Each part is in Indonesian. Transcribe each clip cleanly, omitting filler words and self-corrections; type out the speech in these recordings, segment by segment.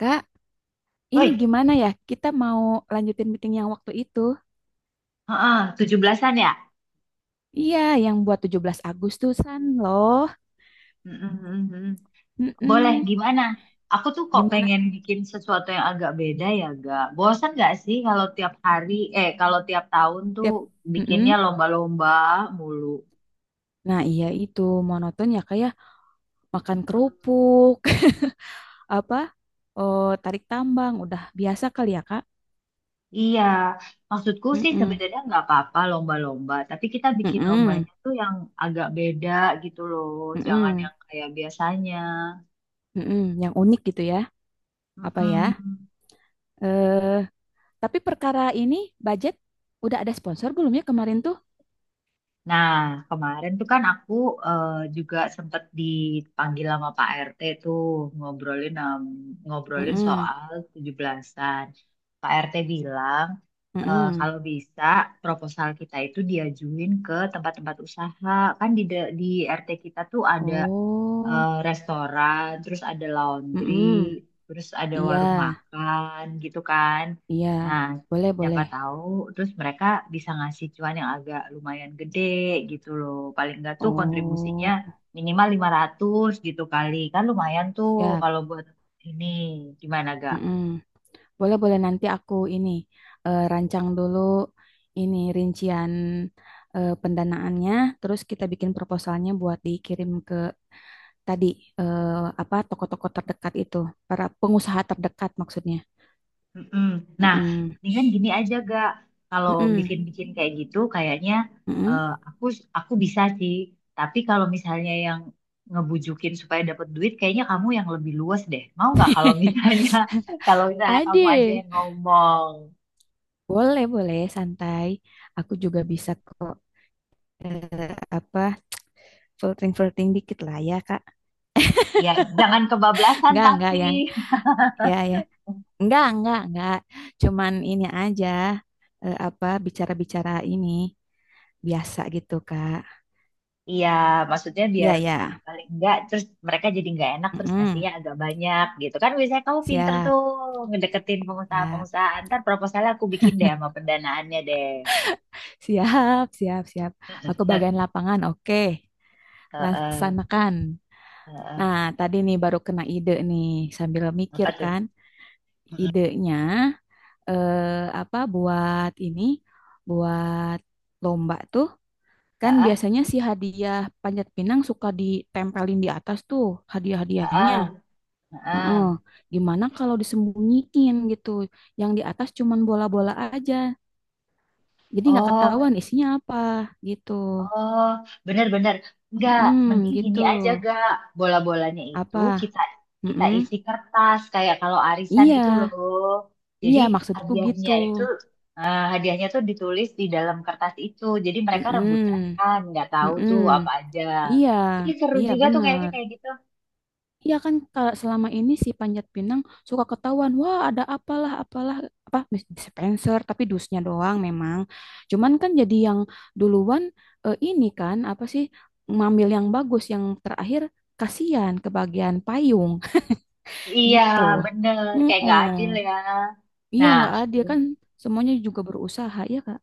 Kak, ini Oi, gimana ya? Kita mau lanjutin meeting yang waktu itu. heeh, 17-an ya? Iya, yang buat 17 Agustusan loh. Mm-mm, mm-mm. Boleh, Mm-mm. gimana? Aku tuh kok Gimana? pengen bikin sesuatu yang agak beda ya, gak? Bosan gak sih kalau tiap hari, eh kalau tiap tahun tuh Tiap. bikinnya Mm-mm. lomba-lomba mulu? Nah, iya itu monoton ya kayak makan kerupuk, apa? Oh, tarik tambang udah biasa kali ya, Kak? Iya, maksudku sih Mm-mm. sebenarnya nggak apa-apa lomba-lomba, tapi kita bikin Mm-mm. lombanya tuh yang agak beda gitu loh, jangan Mm-mm. yang kayak biasanya. Mm-mm. Yang unik gitu ya. Apa ya? Mm-mm. Eh, tapi perkara ini budget udah ada sponsor belum ya kemarin tuh? Nah, kemarin tuh kan aku eh, juga sempet dipanggil sama Pak RT tuh ngobrolin ngobrolin Mm-mm. soal 17-an. Pak RT bilang Mm-mm. kalau bisa proposal kita itu diajuin ke tempat-tempat usaha. Kan di RT kita tuh ada Oh. restoran, terus ada laundry, Mm-mm. terus ada Iya, warung makan gitu kan. iya. Nah, Boleh, siapa boleh. tahu terus mereka bisa ngasih cuan yang agak lumayan gede gitu loh. Paling enggak tuh kontribusinya Oh, minimal 500 gitu kali. Kan lumayan tuh siap. kalau buat ini, gimana ga? Mm-mm. Boleh, boleh. Nanti aku ini rancang dulu ini rincian pendanaannya. Terus kita bikin proposalnya buat dikirim ke tadi eh, apa toko-toko terdekat itu, para pengusaha terdekat maksudnya. Mm-mm. Nah, Mm-mm. mendingan gini aja gak, kalau Mm-mm. bikin-bikin kayak gitu, kayaknya Mm-mm. eh, aku aku bisa sih. Tapi kalau misalnya yang ngebujukin supaya dapat duit, kayaknya kamu yang lebih luas deh. Mau nggak kalau misalnya kalau misalnya kamu aja Ade, yang ngomong, boleh, boleh, santai. Aku juga bisa kok apa flirting flirting dikit lah ya kak. ya jangan kebablasan Nggak yang tapi. ya ya nggak cuman ini aja apa bicara bicara ini biasa gitu kak. Iya, maksudnya biar Ya ya. paling enggak terus mereka jadi nggak enak terus Mm-mm. nasinya agak banyak gitu kan, biasanya kamu pinter Siap tuh ngedeketin siap pengusaha-pengusaha, ntar proposalnya aku bikin deh sama pendanaannya deh. siap. Siap siap. Aku bagian lapangan. Oke, Heeh, laksanakan. Nah heeh. tadi nih baru kena ide nih sambil mikir Apa tuh? kan. Idenya apa buat ini buat lomba tuh. Kan Heeh, biasanya si hadiah panjat pinang suka ditempelin di atas tuh hadiah-hadiahnya. heeh, heeh. Heeh. Gimana kalau disembunyiin gitu? Yang di atas cuman bola-bola aja. Jadi nggak Oh. ketahuan isinya apa gitu. Oh, bener-bener. Enggak, Mm mending gini gitu. aja gak. Bola-bolanya itu Apa? kita kita Mm. isi kertas kayak kalau arisan Iya, itu loh. Jadi iya maksudku gitu. hadiahnya itu, hadiahnya tuh ditulis di dalam kertas itu. Jadi mereka rebutan Mm-mm, kan, nggak tahu tuh mm-mm. apa aja. Iya, Ini seru iya juga tuh kayaknya bener. kayak gitu. Iya kan kalau selama ini si Panjat Pinang suka ketahuan, wah ada apalah apalah apa dispenser tapi dusnya doang memang. Cuman kan jadi yang duluan ini kan apa sih ngambil yang bagus yang terakhir kasihan ke bagian payung Iya, gitu. bener. Kayak nggak Heeh. adil ya. Iya Nah, nggak adil kan semuanya juga berusaha ya Kak.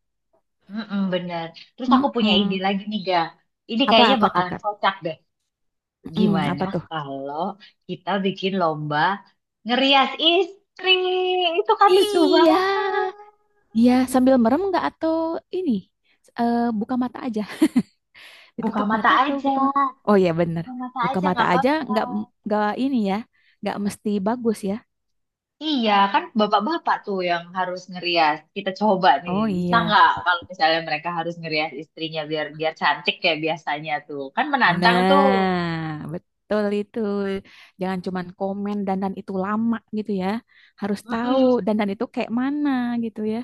mm bener. Terus aku punya ide Heeh. lagi nih, Ga. Ini kayaknya Apa-apa tuh bakalan Kak? kocak. Mm, Gimana apa tuh? kalau kita bikin lomba ngerias istri? Itu kan lucu banget. Iya. Iya sambil merem nggak atau ini buka mata aja. Buka Ditutup mata mata atau aja, buka mata? Oh iya bener. buka mata Buka aja mata nggak aja apa-apa. Nggak ini ya. Nggak mesti bagus ya. Iya, kan bapak-bapak tuh yang harus ngerias. Kita coba nih, Oh bisa iya. nggak kalau misalnya mereka harus ngerias istrinya biar biar cantik kayak biasanya tuh. Kan menantang tuh. Nah, betul itu. Jangan cuman komen dandan itu lama gitu ya. Harus tahu Mm-mm, dandan itu kayak mana gitu ya.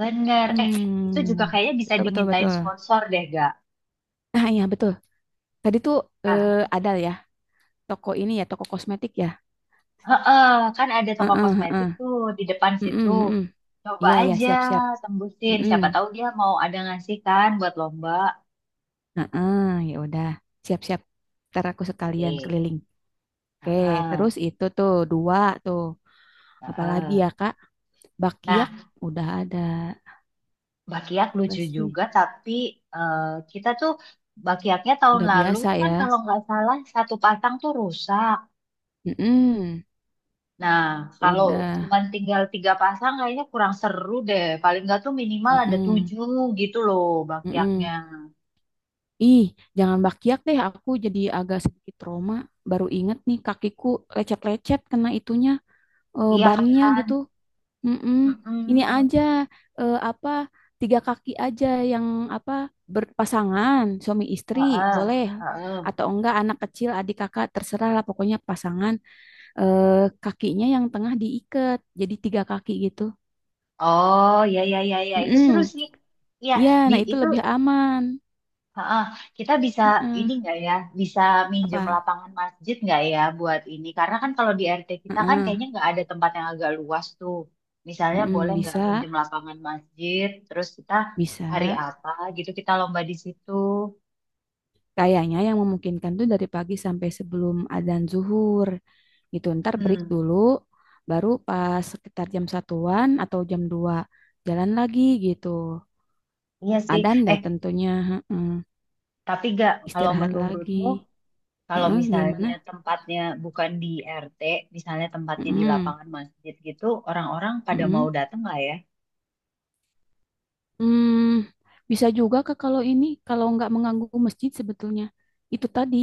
bener. Eh, itu juga Hmm. kayaknya bisa Betul betul dimintain betul. sponsor deh, Nah, iya betul. Tadi tuh eh, gak? ada ya toko ini ya, toko kosmetik ya. Heeh, kan ada Heeh, toko kosmetik heeh. tuh di depan situ. Heeh, heeh. Coba Iya, iya, aja siap-siap. tembusin. Heeh. Siapa tahu dia mau ada ngasih kan buat lomba. Heeh, ya udah. Siap-siap. Ntar aku sekalian Oke. keliling. Oke, Heeh, terus itu tuh dua tuh. Apalagi heeh. ya, Kak? Bakiak Nah, udah ada. bakiak Apa lucu sih? juga tapi, eh, kita tuh bakiaknya tahun Udah lalu biasa tuh ya. kan kalau nggak salah satu pasang tuh rusak. Mm-mm, Nah, kalau udah. cuma tinggal 3 pasang kayaknya kurang seru deh. Paling nggak tuh minimal ada Mm-mm, 7 gitu loh bakiaknya. mm-mm. Ih, jangan bakiak deh. Aku jadi agak sedikit trauma. Baru inget nih kakiku lecet-lecet kena itunya Iya bannya kan? gitu. Mm-mm. Ini Mm-mm. aja apa tiga kaki aja yang apa berpasangan suami istri Heeh, boleh heeh. atau enggak anak kecil adik kakak terserah lah pokoknya pasangan eh, kakinya yang tengah diikat jadi tiga kaki gitu. Oh, ya, ya, ya, ya, itu seru Mm-mm. sih. Iya, Ya, di nah itu itu lebih aman. heeh. Kita bisa ini Mm-mm. nggak ya? Bisa minjem Apa? lapangan masjid nggak ya buat ini? Karena kan kalau di RT kita kan Mm-mm. kayaknya nggak ada tempat yang agak luas tuh. Misalnya boleh Mm-mm. nggak Bisa, minjem lapangan masjid? Terus kita hari bisa. apa gitu kita lomba di situ. Kayaknya yang memungkinkan tuh dari pagi sampai sebelum adzan zuhur gitu. Ntar break Hmm, dulu, baru pas sekitar jam satuan atau jam 2 jalan lagi gitu. iya sih. Adzan deh Eh, tentunya, heeh. tapi gak kalau Istirahat lagi. menurutmu, kalau Heeh, misalnya gimana? tempatnya bukan di RT, misalnya tempatnya di Heeh, lapangan masjid gitu, orang-orang pada heeh. mau datang nggak ya? Hmm, bisa juga Kak kalau ini kalau nggak mengganggu masjid sebetulnya. Itu tadi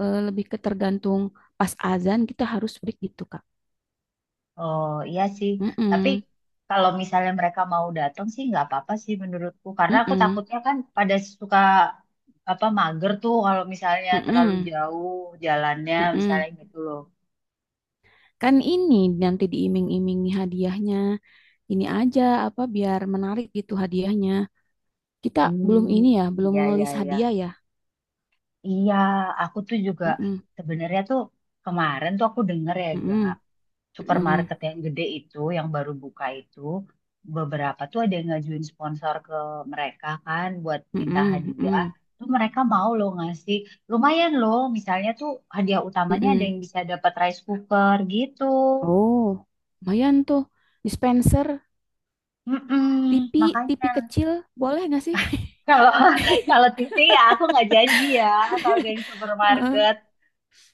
lebih ke tergantung pas azan kita harus break gitu Kak. Oh iya sih, tapi Heeh, kalau misalnya mereka mau datang sih nggak apa-apa sih menurutku, karena aku heeh, takutnya kan pada suka apa mager tuh kalau misalnya terlalu heeh, jauh jalannya heeh. misalnya gitu loh. Kan ini nanti diiming-imingi hadiahnya. Ini aja apa biar menarik gitu hadiahnya. Kita belum Hmm, ini ya, belum ya ngelis ya hadiah ya. ya. Iya, aku tuh juga Mm-mm, sebenarnya tuh kemarin tuh aku denger ya, Ga. mm-mm, mm-mm, Supermarket yang gede itu, yang baru buka itu, beberapa tuh ada yang ngajuin sponsor ke mereka kan buat minta mm-mm, hadiah. mm-mm, Tuh mereka mau loh ngasih. Lumayan loh, misalnya tuh hadiah utamanya ada mm-mm. yang bisa dapat rice cooker gitu. Oh, lumayan tuh. Dispenser, Mm-mm, TV, TV makanya kecil, boleh nggak sih? kalau kalau TV ya aku nggak janji ya kalau dari Heeh. supermarket.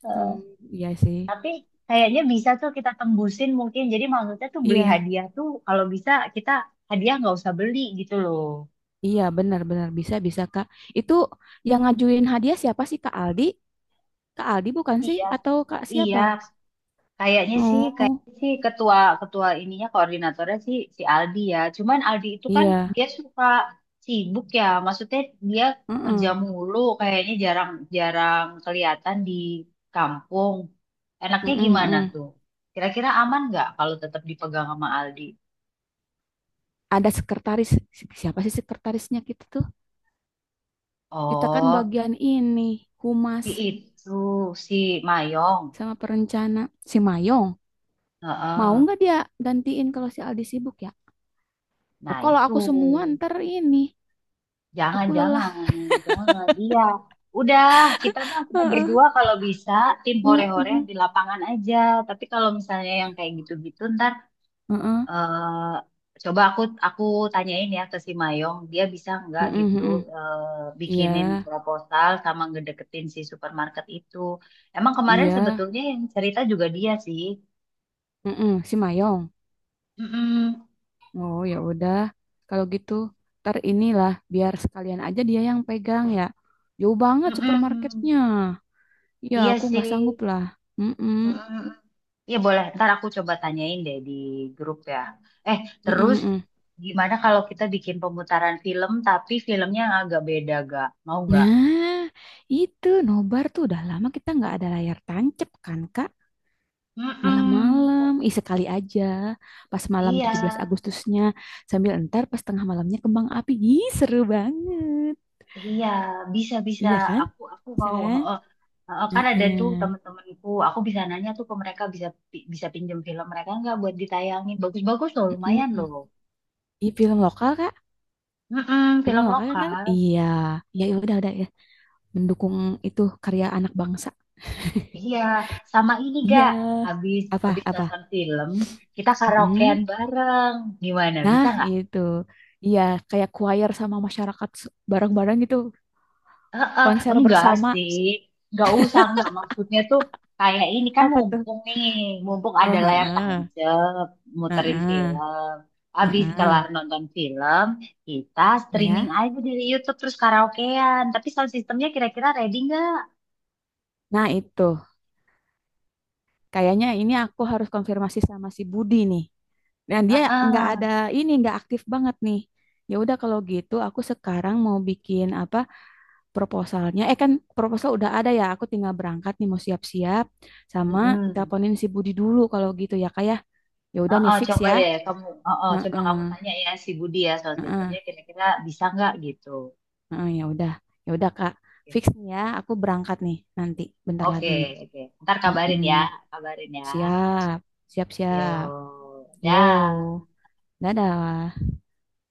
Eh, Hmm, iya sih. tapi kayaknya bisa tuh kita tembusin mungkin. Jadi maksudnya tuh beli Iya, hadiah tuh kalau bisa kita hadiah nggak usah beli gitu loh. iya benar-benar bisa bisa Kak. Itu yang ngajuin hadiah siapa sih Kak Aldi? Kak Aldi bukan sih? Iya, Atau Kak iya. siapa? Oh, Kayaknya sih ketua ketua ininya koordinatornya sih si Aldi ya. Cuman Aldi itu kan iya. dia suka sibuk ya. Maksudnya dia kerja Heeh, mulu, kayaknya jarang-jarang kelihatan di kampung. Enaknya heeh, gimana heeh. tuh? Kira-kira aman nggak kalau tetap dipegang sama Aldi? Ada sekretaris. Siapa sih sekretarisnya kita tuh? Kita kan Oh, bagian ini, humas si itu, si Mayong. sama perencana. Si Mayong. Mau Heeh. nggak dia gantiin kalau si Aldi sibuk ya? Oh, Nah kalau itu. aku semua ntar ini. Jangan, Aku lelah. jangan, jangan. Iya, udah kita mah kita Heeh, berdua kalau bisa tim hore-hore yang heeh, di lapangan aja. Tapi kalau misalnya yang kayak gitu-gitu ntar, heeh, eh, coba aku tanyain ya ke si Mayong, dia bisa nggak heeh, gitu, heeh. eh, Iya, bikinin proposal sama ngedeketin si supermarket itu. Emang kemarin iya. sebetulnya yang cerita juga dia sih. Heeh, si Mayong. Mm-mm, Oh ya udah. Kalau gitu ntar inilah biar sekalian aja dia yang pegang ya. Jauh banget mm-mm. supermarketnya. Ya, Iya aku nggak sanggup sih. lah. Mm-mm. Mm-mm. Iya boleh, ntar aku coba tanyain deh di grup ya. Eh, Mm-mm, terus mm-mm. gimana kalau kita bikin pemutaran film tapi filmnya yang agak beda gak? Mau gak? Nah, itu nobar tuh udah lama kita nggak ada layar tancep kan, Kak? Mm-mm. Malam-malam, ih sekali aja. Pas malam Iya, 17 Agustusnya, sambil entar pas tengah malamnya kembang api. Ih, seru banget. iya, bisa bisa. Iya kan? Aku Bisa mau. kan? Heeh, heeh. Kan ada tuh Heeh. temen-temenku. Aku bisa nanya tuh ke mereka bisa bisa pinjem film mereka nggak buat ditayangin. Bagus-bagus loh, Mm. lumayan loh. Ih, film lokal, Kak? Mm-mm, Film film lokal kan? Kan? lokal. Iya. Ya, ya udah ya. Mendukung itu karya anak bangsa. Iya, sama ini Iya. gak. Habis Apa, Habis apa? nonton film, kita karaokean Mm. bareng. Gimana? Bisa Nah, nggak? itu. Iya, kayak choir sama masyarakat bareng-bareng gitu. Eh, eh, Konser enggak bersama. sih. Enggak usah, enggak. Maksudnya tuh kayak ini kan Apa tuh? mumpung nih, mumpung Oh, ada layar heeh. tancap, muterin Heeh. film. Habis Heeh. kelar nonton film, kita streaming Ya. aja dari YouTube terus karaokean. Tapi sound sistemnya kira-kira ready nggak? Nah, itu. Kayaknya ini aku harus konfirmasi sama si Budi nih. Dan dia nggak Heeh. ada ini, nggak aktif banget nih. Ya udah kalau gitu aku sekarang mau bikin apa proposalnya. Eh kan proposal udah ada ya. Aku tinggal berangkat nih mau siap-siap sama Mm-mm. teleponin si Budi dulu kalau gitu ya kayak. Ya ya udah nih Heeh, fix coba ya. deh kamu, heeh, coba Heeh. kamu tanya ya si Budi ya soal sistemnya Heeh. kira-kira bisa nggak gitu. Heeh, ya udah Kak, fix nih ya, aku berangkat nih nanti, bentar Oke, lagi nih. oke, oke. Ntar kabarin Mm-mm. ya, kabarin ya. Siap, siap, siap. Yo, Yo, dah. dadah.